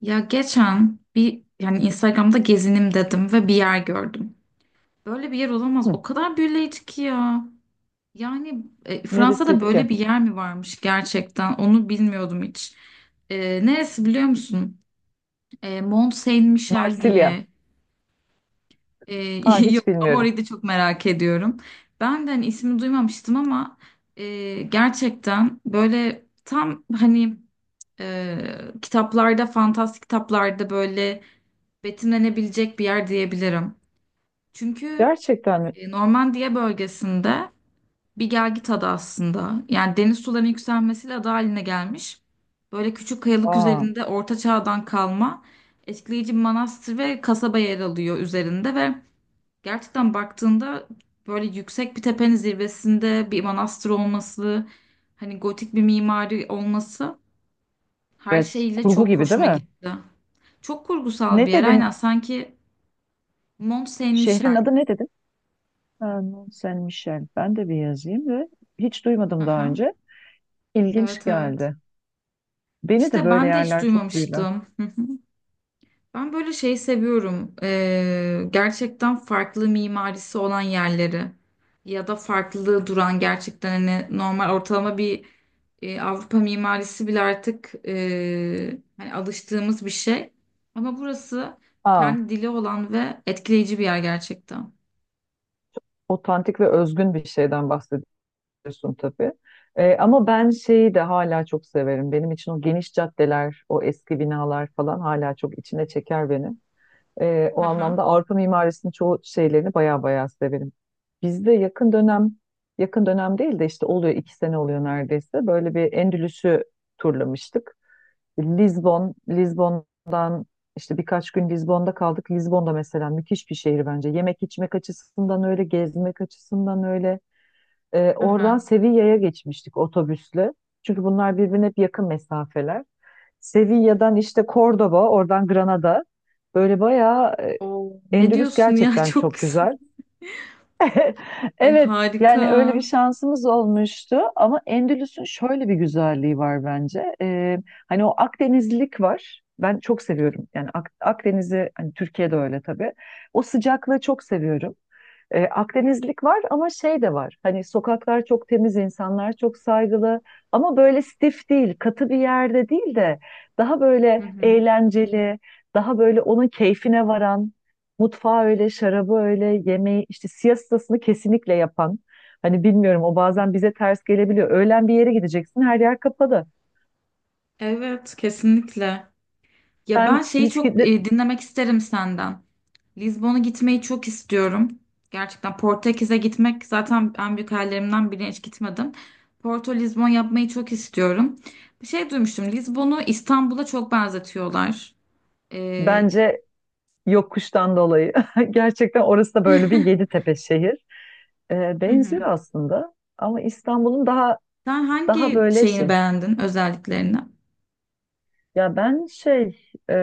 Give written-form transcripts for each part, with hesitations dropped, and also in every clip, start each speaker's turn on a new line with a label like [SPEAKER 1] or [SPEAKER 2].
[SPEAKER 1] Ya geçen bir yani Instagram'da gezinim dedim ve bir yer gördüm. Böyle bir yer olamaz.
[SPEAKER 2] Hı,
[SPEAKER 1] O kadar büyüleyici ki ya. Yani Fransa'da
[SPEAKER 2] neresiydi
[SPEAKER 1] böyle
[SPEAKER 2] ki?
[SPEAKER 1] bir yer mi varmış gerçekten? Onu bilmiyordum hiç. Neresi biliyor musun? Mont Saint-Michel
[SPEAKER 2] Marsilya.
[SPEAKER 1] diye. E,
[SPEAKER 2] Aa,
[SPEAKER 1] yok
[SPEAKER 2] hiç
[SPEAKER 1] ama
[SPEAKER 2] bilmiyorum.
[SPEAKER 1] orayı da çok merak ediyorum. Ben de hani ismi duymamıştım ama gerçekten böyle tam hani kitaplarda, fantastik kitaplarda böyle betimlenebilecek bir yer diyebilirim. Çünkü
[SPEAKER 2] Gerçekten mi?
[SPEAKER 1] Normandiya bölgesinde bir gelgit adı aslında. Yani deniz sularının yükselmesiyle ada haline gelmiş. Böyle küçük kayalık
[SPEAKER 2] Aa,
[SPEAKER 1] üzerinde Orta Çağ'dan kalma etkileyici bir manastır ve kasaba yer alıyor üzerinde ve gerçekten baktığında böyle yüksek bir tepenin zirvesinde bir manastır olması, hani gotik bir mimari olması her
[SPEAKER 2] evet.
[SPEAKER 1] şeyiyle
[SPEAKER 2] Kurgu
[SPEAKER 1] çok
[SPEAKER 2] gibi değil
[SPEAKER 1] hoşuma
[SPEAKER 2] mi?
[SPEAKER 1] gitti. Çok kurgusal bir
[SPEAKER 2] Ne
[SPEAKER 1] yer aynen
[SPEAKER 2] dedin?
[SPEAKER 1] sanki. Mont
[SPEAKER 2] Şehrin
[SPEAKER 1] Saint-Michel.
[SPEAKER 2] adı ne dedin? Ha, Mont Saint-Michel. Ben de bir yazayım ve hiç duymadım daha
[SPEAKER 1] Aha,
[SPEAKER 2] önce. İlginç
[SPEAKER 1] evet, evet.
[SPEAKER 2] geldi. Beni de
[SPEAKER 1] İşte
[SPEAKER 2] böyle
[SPEAKER 1] ben de hiç
[SPEAKER 2] yerler çok büyüler.
[SPEAKER 1] duymamıştım. Hı hı. Ben böyle şeyi seviyorum. Gerçekten farklı mimarisi olan yerleri ya da farklı duran gerçekten hani normal ortalama bir Avrupa mimarisi bile artık hani alıştığımız bir şey. Ama burası
[SPEAKER 2] Aa,
[SPEAKER 1] kendi dili olan ve etkileyici bir yer gerçekten.
[SPEAKER 2] otantik ve özgün bir şeyden bahsediyorsun tabii. Ama ben şeyi de hala çok severim. Benim için o geniş caddeler, o eski binalar falan hala çok içine çeker beni. O anlamda
[SPEAKER 1] Aha,
[SPEAKER 2] Avrupa mimarisinin çoğu şeylerini baya baya severim. Bizde yakın dönem değil de işte oluyor 2 sene oluyor neredeyse. Böyle bir Endülüs'ü turlamıştık. Lizbon'dan işte birkaç gün Lizbon'da kaldık. Lizbon'da mesela müthiş bir şehir bence. Yemek içmek açısından öyle, gezmek açısından öyle. Oradan
[SPEAKER 1] aha.
[SPEAKER 2] Sevilla'ya geçmiştik otobüsle. Çünkü bunlar birbirine hep yakın mesafeler. Sevilla'dan işte Cordoba, oradan Granada. Böyle bayağı
[SPEAKER 1] Oo, ne
[SPEAKER 2] Endülüs
[SPEAKER 1] diyorsun ya
[SPEAKER 2] gerçekten
[SPEAKER 1] çok
[SPEAKER 2] çok
[SPEAKER 1] güzel.
[SPEAKER 2] güzel.
[SPEAKER 1] Ay
[SPEAKER 2] Evet,
[SPEAKER 1] harika.
[SPEAKER 2] yani öyle bir şansımız olmuştu ama Endülüs'ün şöyle bir güzelliği var bence. Hani o Akdenizlilik var. Ben çok seviyorum. Yani Akdeniz'i hani Türkiye'de öyle tabii. O sıcaklığı çok seviyorum. Akdenizlik var ama şey de var. Hani sokaklar çok temiz, insanlar çok saygılı, ama böyle stif değil, katı bir yerde değil de daha böyle
[SPEAKER 1] Hı hı.
[SPEAKER 2] eğlenceli, daha böyle onun keyfine varan, mutfağı öyle, şarabı öyle, yemeği işte siestasını kesinlikle yapan. Hani bilmiyorum, o bazen bize ters gelebiliyor. Öğlen bir yere gideceksin, her yer kapalı.
[SPEAKER 1] Evet, kesinlikle. Ya
[SPEAKER 2] Ben
[SPEAKER 1] ben şeyi
[SPEAKER 2] hiç
[SPEAKER 1] çok
[SPEAKER 2] gide-
[SPEAKER 1] dinlemek isterim senden. Lizbon'a gitmeyi çok istiyorum. Gerçekten Portekiz'e gitmek zaten en büyük hayallerimden biri, hiç gitmedim. Porto Lizbon yapmayı çok istiyorum. Bir şey duymuştum. Lizbon'u İstanbul'a çok benzetiyorlar. Ee,
[SPEAKER 2] bence yokuştan dolayı. Gerçekten orası da böyle bir Yeditepe şehir.
[SPEAKER 1] hı
[SPEAKER 2] Benziyor
[SPEAKER 1] hı.
[SPEAKER 2] aslında ama İstanbul'un daha
[SPEAKER 1] Sen
[SPEAKER 2] daha
[SPEAKER 1] hangi
[SPEAKER 2] böyle
[SPEAKER 1] şeyini
[SPEAKER 2] şey.
[SPEAKER 1] beğendin özelliklerini?
[SPEAKER 2] Ya ben şey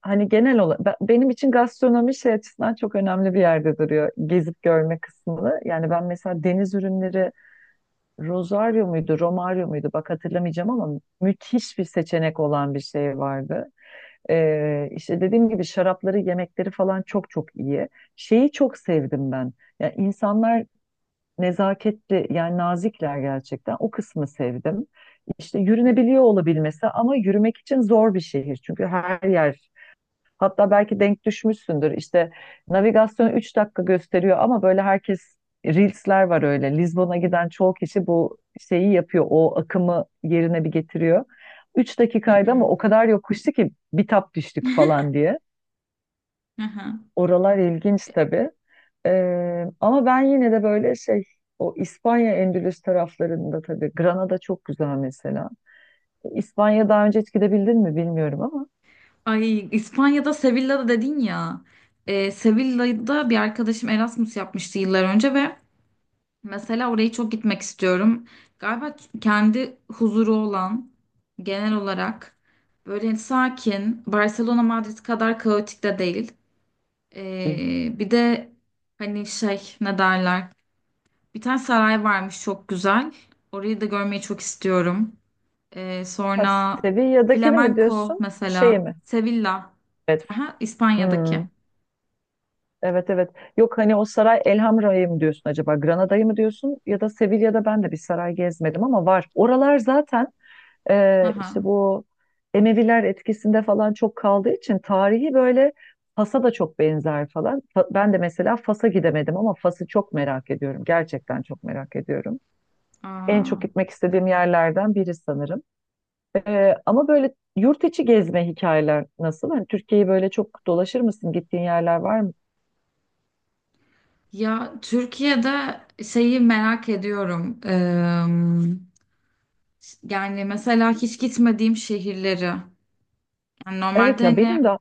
[SPEAKER 2] hani genel olarak benim için gastronomi şey açısından çok önemli bir yerde duruyor. Gezip görme kısmını. Yani ben mesela deniz ürünleri, Rosario muydu, Romario muydu, bak hatırlamayacağım ama müthiş bir seçenek olan bir şey vardı. İşte dediğim gibi şarapları, yemekleri falan çok çok iyi. Şeyi çok sevdim ben. Yani insanlar nezaketli, yani nazikler gerçekten. O kısmı sevdim. İşte yürünebiliyor olabilmesi ama yürümek için zor bir şehir. Çünkü her yer. Hatta belki denk düşmüşsündür. İşte navigasyon 3 dakika gösteriyor ama böyle herkes. Reels'ler var öyle. Lizbon'a giden çoğu kişi bu şeyi yapıyor. O akımı yerine bir getiriyor. Üç
[SPEAKER 1] Hı
[SPEAKER 2] dakikaydı
[SPEAKER 1] hı.
[SPEAKER 2] ama o kadar yokuştu ki bitap düştük falan diye.
[SPEAKER 1] Hı hı.
[SPEAKER 2] Oralar ilginç tabii. Ama ben yine de böyle şey, o İspanya Endülüs taraflarında tabii Granada çok güzel mesela. İspanya'ya daha önce hiç gidebildin mi bilmiyorum ama.
[SPEAKER 1] Ay, İspanya'da Sevilla'da dedin ya. Sevilla'da bir arkadaşım Erasmus yapmıştı yıllar önce ve mesela orayı çok gitmek istiyorum. Galiba kendi huzuru olan genel olarak böyle sakin, Barcelona Madrid kadar kaotik de değil. Bir de hani şey ne derler? Bir tane saray varmış çok güzel. Orayı da görmeyi çok istiyorum.
[SPEAKER 2] Ha,
[SPEAKER 1] Sonra
[SPEAKER 2] Sevilla'dakini mi
[SPEAKER 1] Flamenco
[SPEAKER 2] diyorsun? Şeyi
[SPEAKER 1] mesela.
[SPEAKER 2] mi?
[SPEAKER 1] Sevilla.
[SPEAKER 2] Evet.
[SPEAKER 1] Aha, İspanya'daki.
[SPEAKER 2] Hmm. Evet, evet. Yok, hani o saray Elhamra'yı mı diyorsun acaba? Granada'yı mı diyorsun? Ya da Sevilla'da ben de bir saray gezmedim ama var. Oralar zaten işte
[SPEAKER 1] Aha.
[SPEAKER 2] bu Emeviler etkisinde falan çok kaldığı için tarihi böyle Fas'a da çok benzer falan. Ben de mesela Fas'a gidemedim ama Fas'ı çok merak ediyorum. Gerçekten çok merak ediyorum. En çok
[SPEAKER 1] Aa.
[SPEAKER 2] gitmek istediğim yerlerden biri sanırım. Ama böyle yurt içi gezme hikayeler nasıl? Hani Türkiye'yi böyle çok dolaşır mısın? Gittiğin yerler var mı?
[SPEAKER 1] Ya Türkiye'de şeyi merak ediyorum. Yani mesela hiç gitmediğim şehirleri. Yani
[SPEAKER 2] Evet
[SPEAKER 1] normalde
[SPEAKER 2] ya, benim
[SPEAKER 1] hani
[SPEAKER 2] de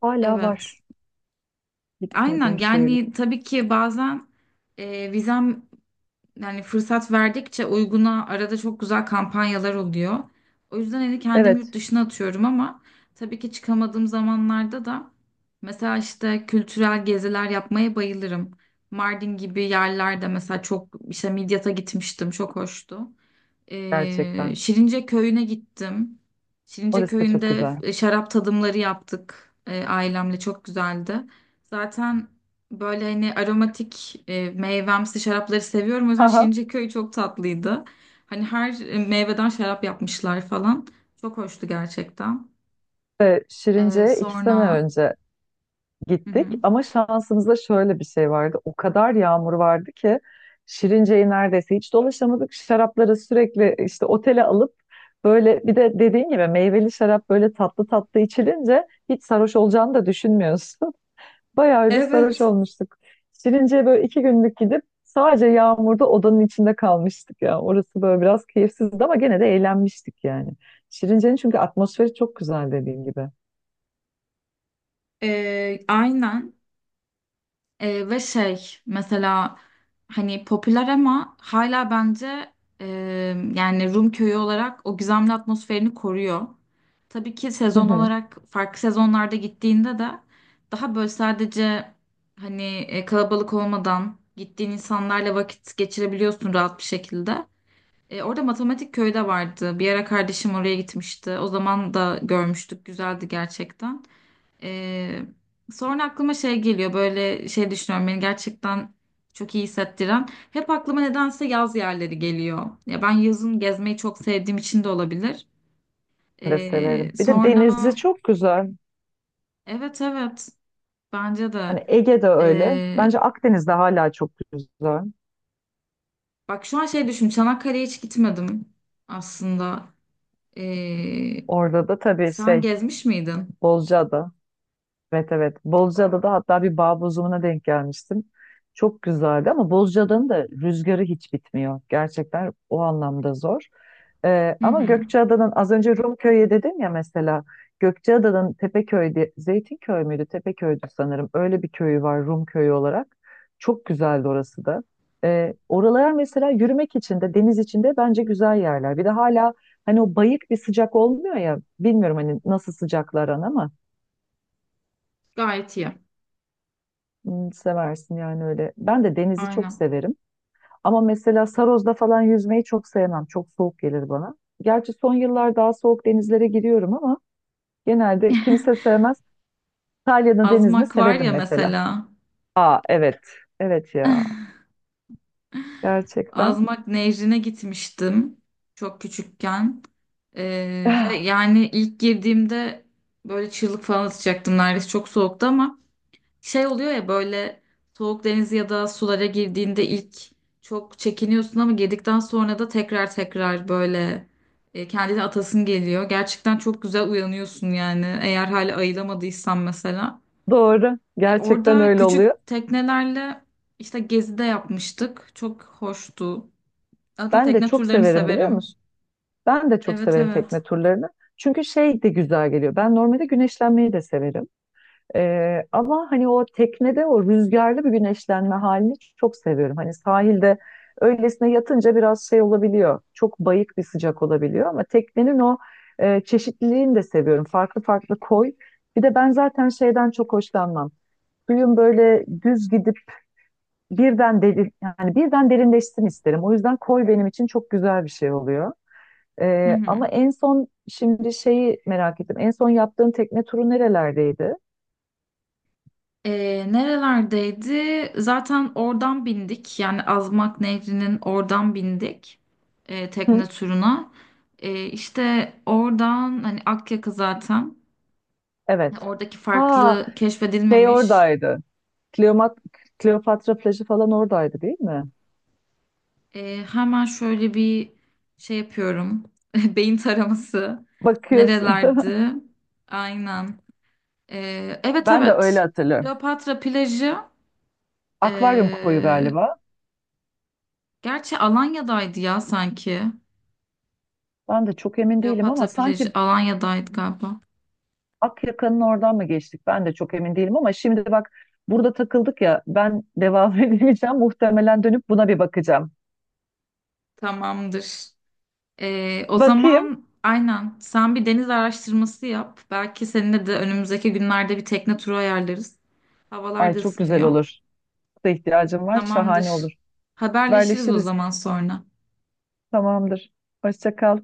[SPEAKER 2] hala
[SPEAKER 1] evet.
[SPEAKER 2] var
[SPEAKER 1] Aynen
[SPEAKER 2] gitmediğim şehirler.
[SPEAKER 1] yani tabii ki bazen vizem yani fırsat verdikçe uyguna arada çok güzel kampanyalar oluyor. O yüzden hani kendimi yurt
[SPEAKER 2] Evet,
[SPEAKER 1] dışına atıyorum ama tabii ki çıkamadığım zamanlarda da mesela işte kültürel geziler yapmaya bayılırım. Mardin gibi yerlerde mesela çok işte Midyat'a gitmiştim, çok hoştu.
[SPEAKER 2] gerçekten.
[SPEAKER 1] Şirince köyüne gittim. Şirince
[SPEAKER 2] Orası da çok
[SPEAKER 1] köyünde
[SPEAKER 2] güzel.
[SPEAKER 1] şarap tadımları yaptık, ailemle çok güzeldi. Zaten böyle hani aromatik meyvemsi şarapları seviyorum. O yüzden
[SPEAKER 2] Haha.
[SPEAKER 1] Şirince köyü çok tatlıydı. Hani her meyveden şarap yapmışlar falan. Çok hoştu gerçekten.
[SPEAKER 2] Ve Şirince'ye 2 sene
[SPEAKER 1] Sonra...
[SPEAKER 2] önce
[SPEAKER 1] Hı hı.
[SPEAKER 2] gittik ama şansımızda şöyle bir şey vardı. O kadar yağmur vardı ki Şirince'yi neredeyse hiç dolaşamadık. Şarapları sürekli işte otele alıp, böyle bir de dediğin gibi meyveli şarap böyle tatlı tatlı içilince hiç sarhoş olacağını da düşünmüyorsun. Bayağı öyle sarhoş
[SPEAKER 1] Evet.
[SPEAKER 2] olmuştuk. Şirince'ye böyle 2 günlük gidip sadece yağmurda odanın içinde kalmıştık ya. Orası böyle biraz keyifsizdi ama gene de eğlenmiştik yani. Şirince'nin çünkü atmosferi çok güzel dediğim gibi.
[SPEAKER 1] Aynen. Ve şey mesela hani popüler ama hala bence e, yani Rum köyü olarak o gizemli atmosferini koruyor. Tabii ki
[SPEAKER 2] Hı
[SPEAKER 1] sezon
[SPEAKER 2] hı.
[SPEAKER 1] olarak farklı sezonlarda gittiğinde de daha böyle sadece hani kalabalık olmadan gittiğin insanlarla vakit geçirebiliyorsun rahat bir şekilde. Orada Matematik Köyü de vardı. Bir ara kardeşim oraya gitmişti. O zaman da görmüştük. Güzeldi gerçekten. Ee, sonra aklıma şey geliyor, böyle şey düşünüyorum beni gerçekten çok iyi hissettiren. Hep aklıma nedense yaz yerleri geliyor. Ya ben yazın gezmeyi çok sevdiğim için de olabilir.
[SPEAKER 2] Ben de severim. Bir de denizi
[SPEAKER 1] Sonra
[SPEAKER 2] çok güzel.
[SPEAKER 1] evet, evet, bence de.
[SPEAKER 2] Yani Ege'de öyle.
[SPEAKER 1] Ee,
[SPEAKER 2] Bence Akdeniz'de hala çok güzel.
[SPEAKER 1] bak şu an şey düşün, Çanakkale'ye hiç gitmedim aslında. Ee,
[SPEAKER 2] Orada da tabii
[SPEAKER 1] sen
[SPEAKER 2] şey,
[SPEAKER 1] gezmiş miydin?
[SPEAKER 2] Bozcaada. Evet, evet. Bozcaada'da hatta bir bağ bozumuna denk gelmiştim. Çok güzeldi ama Bozcaada'nın da rüzgarı hiç bitmiyor. Gerçekten o anlamda zor.
[SPEAKER 1] Hı
[SPEAKER 2] Ama
[SPEAKER 1] hı.
[SPEAKER 2] Gökçeada'nın, az önce Rumköy'e dedim ya mesela, Gökçeada'nın Tepeköy'de Zeytinköy müydü? Tepeköy'dü sanırım. Öyle bir köyü var Rumköy olarak. Çok güzeldi orası da. Oralar mesela yürümek için de deniz için de bence güzel yerler. Bir de hala hani o bayık bir sıcak olmuyor ya, bilmiyorum hani nasıl sıcaklar ama
[SPEAKER 1] Gayet iyi.
[SPEAKER 2] Seversin yani öyle. Ben de denizi çok
[SPEAKER 1] Aynen.
[SPEAKER 2] severim. Ama mesela Saroz'da falan yüzmeyi çok sevmem. Çok soğuk gelir bana. Gerçi son yıllar daha soğuk denizlere giriyorum ama genelde kimse sevmez. İtalya'nın denizini
[SPEAKER 1] Azmak var
[SPEAKER 2] severim
[SPEAKER 1] ya
[SPEAKER 2] mesela.
[SPEAKER 1] mesela.
[SPEAKER 2] Aa, evet. Evet ya. Gerçekten.
[SPEAKER 1] Azmak Nehri'ne gitmiştim çok küçükken. Ve yani ilk girdiğimde böyle çığlık falan atacaktım neredeyse, çok soğuktu ama şey oluyor ya, böyle soğuk deniz ya da sulara girdiğinde ilk çok çekiniyorsun ama girdikten sonra da tekrar tekrar böyle kendini atasın geliyor. Gerçekten çok güzel uyanıyorsun yani, eğer hala ayılamadıysan mesela.
[SPEAKER 2] Doğru. Gerçekten
[SPEAKER 1] Orada
[SPEAKER 2] öyle oluyor.
[SPEAKER 1] küçük teknelerle işte gezi de yapmıştık. Çok hoştu. Zaten
[SPEAKER 2] Ben de
[SPEAKER 1] tekne
[SPEAKER 2] çok
[SPEAKER 1] turlarını
[SPEAKER 2] severim, biliyor
[SPEAKER 1] severim.
[SPEAKER 2] musun? Ben de çok
[SPEAKER 1] Evet,
[SPEAKER 2] severim
[SPEAKER 1] evet.
[SPEAKER 2] tekne turlarını. Çünkü şey de güzel geliyor. Ben normalde güneşlenmeyi de severim. Ama hani o teknede o rüzgarlı bir güneşlenme halini çok seviyorum. Hani sahilde öylesine yatınca biraz şey olabiliyor. Çok bayık bir sıcak olabiliyor ama teknenin o çeşitliliğini de seviyorum. Farklı farklı koy. Bir de ben zaten şeyden çok hoşlanmam. Suyun böyle düz gidip yani birden derinleşsin isterim. O yüzden koy benim için çok güzel bir şey oluyor.
[SPEAKER 1] Hı hı.
[SPEAKER 2] Ama en son şimdi şeyi merak ettim. En son yaptığın tekne turu nerelerdeydi?
[SPEAKER 1] Nerelerdeydi? Zaten oradan bindik. Yani Azmak Nehri'nin oradan bindik tekne turuna. İşte oradan hani Akyaka zaten.
[SPEAKER 2] Evet.
[SPEAKER 1] Yani oradaki
[SPEAKER 2] Ha,
[SPEAKER 1] farklı
[SPEAKER 2] şey
[SPEAKER 1] keşfedilmemiş.
[SPEAKER 2] oradaydı. Kleomat Kleopatra plajı falan oradaydı değil mi?
[SPEAKER 1] Hemen şöyle bir şey yapıyorum. Beyin taraması.
[SPEAKER 2] Bakıyorsun değil mi?
[SPEAKER 1] Nerelerdi? Aynen. Evet,
[SPEAKER 2] Ben de öyle
[SPEAKER 1] evet.
[SPEAKER 2] hatırlıyorum.
[SPEAKER 1] Kleopatra plajı.
[SPEAKER 2] Akvaryum koyu
[SPEAKER 1] Ee,
[SPEAKER 2] galiba.
[SPEAKER 1] Gerçi Alanya'daydı ya sanki.
[SPEAKER 2] Ben de çok emin değilim ama
[SPEAKER 1] Kleopatra plajı
[SPEAKER 2] sanki
[SPEAKER 1] Alanya'daydı galiba.
[SPEAKER 2] Akyaka'nın oradan mı geçtik? Ben de çok emin değilim ama şimdi bak, burada takıldık ya, ben devam edemeyeceğim. Muhtemelen dönüp buna bir bakacağım.
[SPEAKER 1] Tamamdır. O
[SPEAKER 2] Bakayım.
[SPEAKER 1] zaman aynen sen bir deniz araştırması yap. Belki seninle de önümüzdeki günlerde bir tekne turu ayarlarız. Havalar
[SPEAKER 2] Ay,
[SPEAKER 1] da
[SPEAKER 2] çok güzel
[SPEAKER 1] ısınıyor.
[SPEAKER 2] olur. Da ihtiyacım var. Şahane
[SPEAKER 1] Tamamdır.
[SPEAKER 2] olur.
[SPEAKER 1] Haberleşiriz o
[SPEAKER 2] Haberleşiriz.
[SPEAKER 1] zaman sonra.
[SPEAKER 2] Tamamdır. Hoşça kal.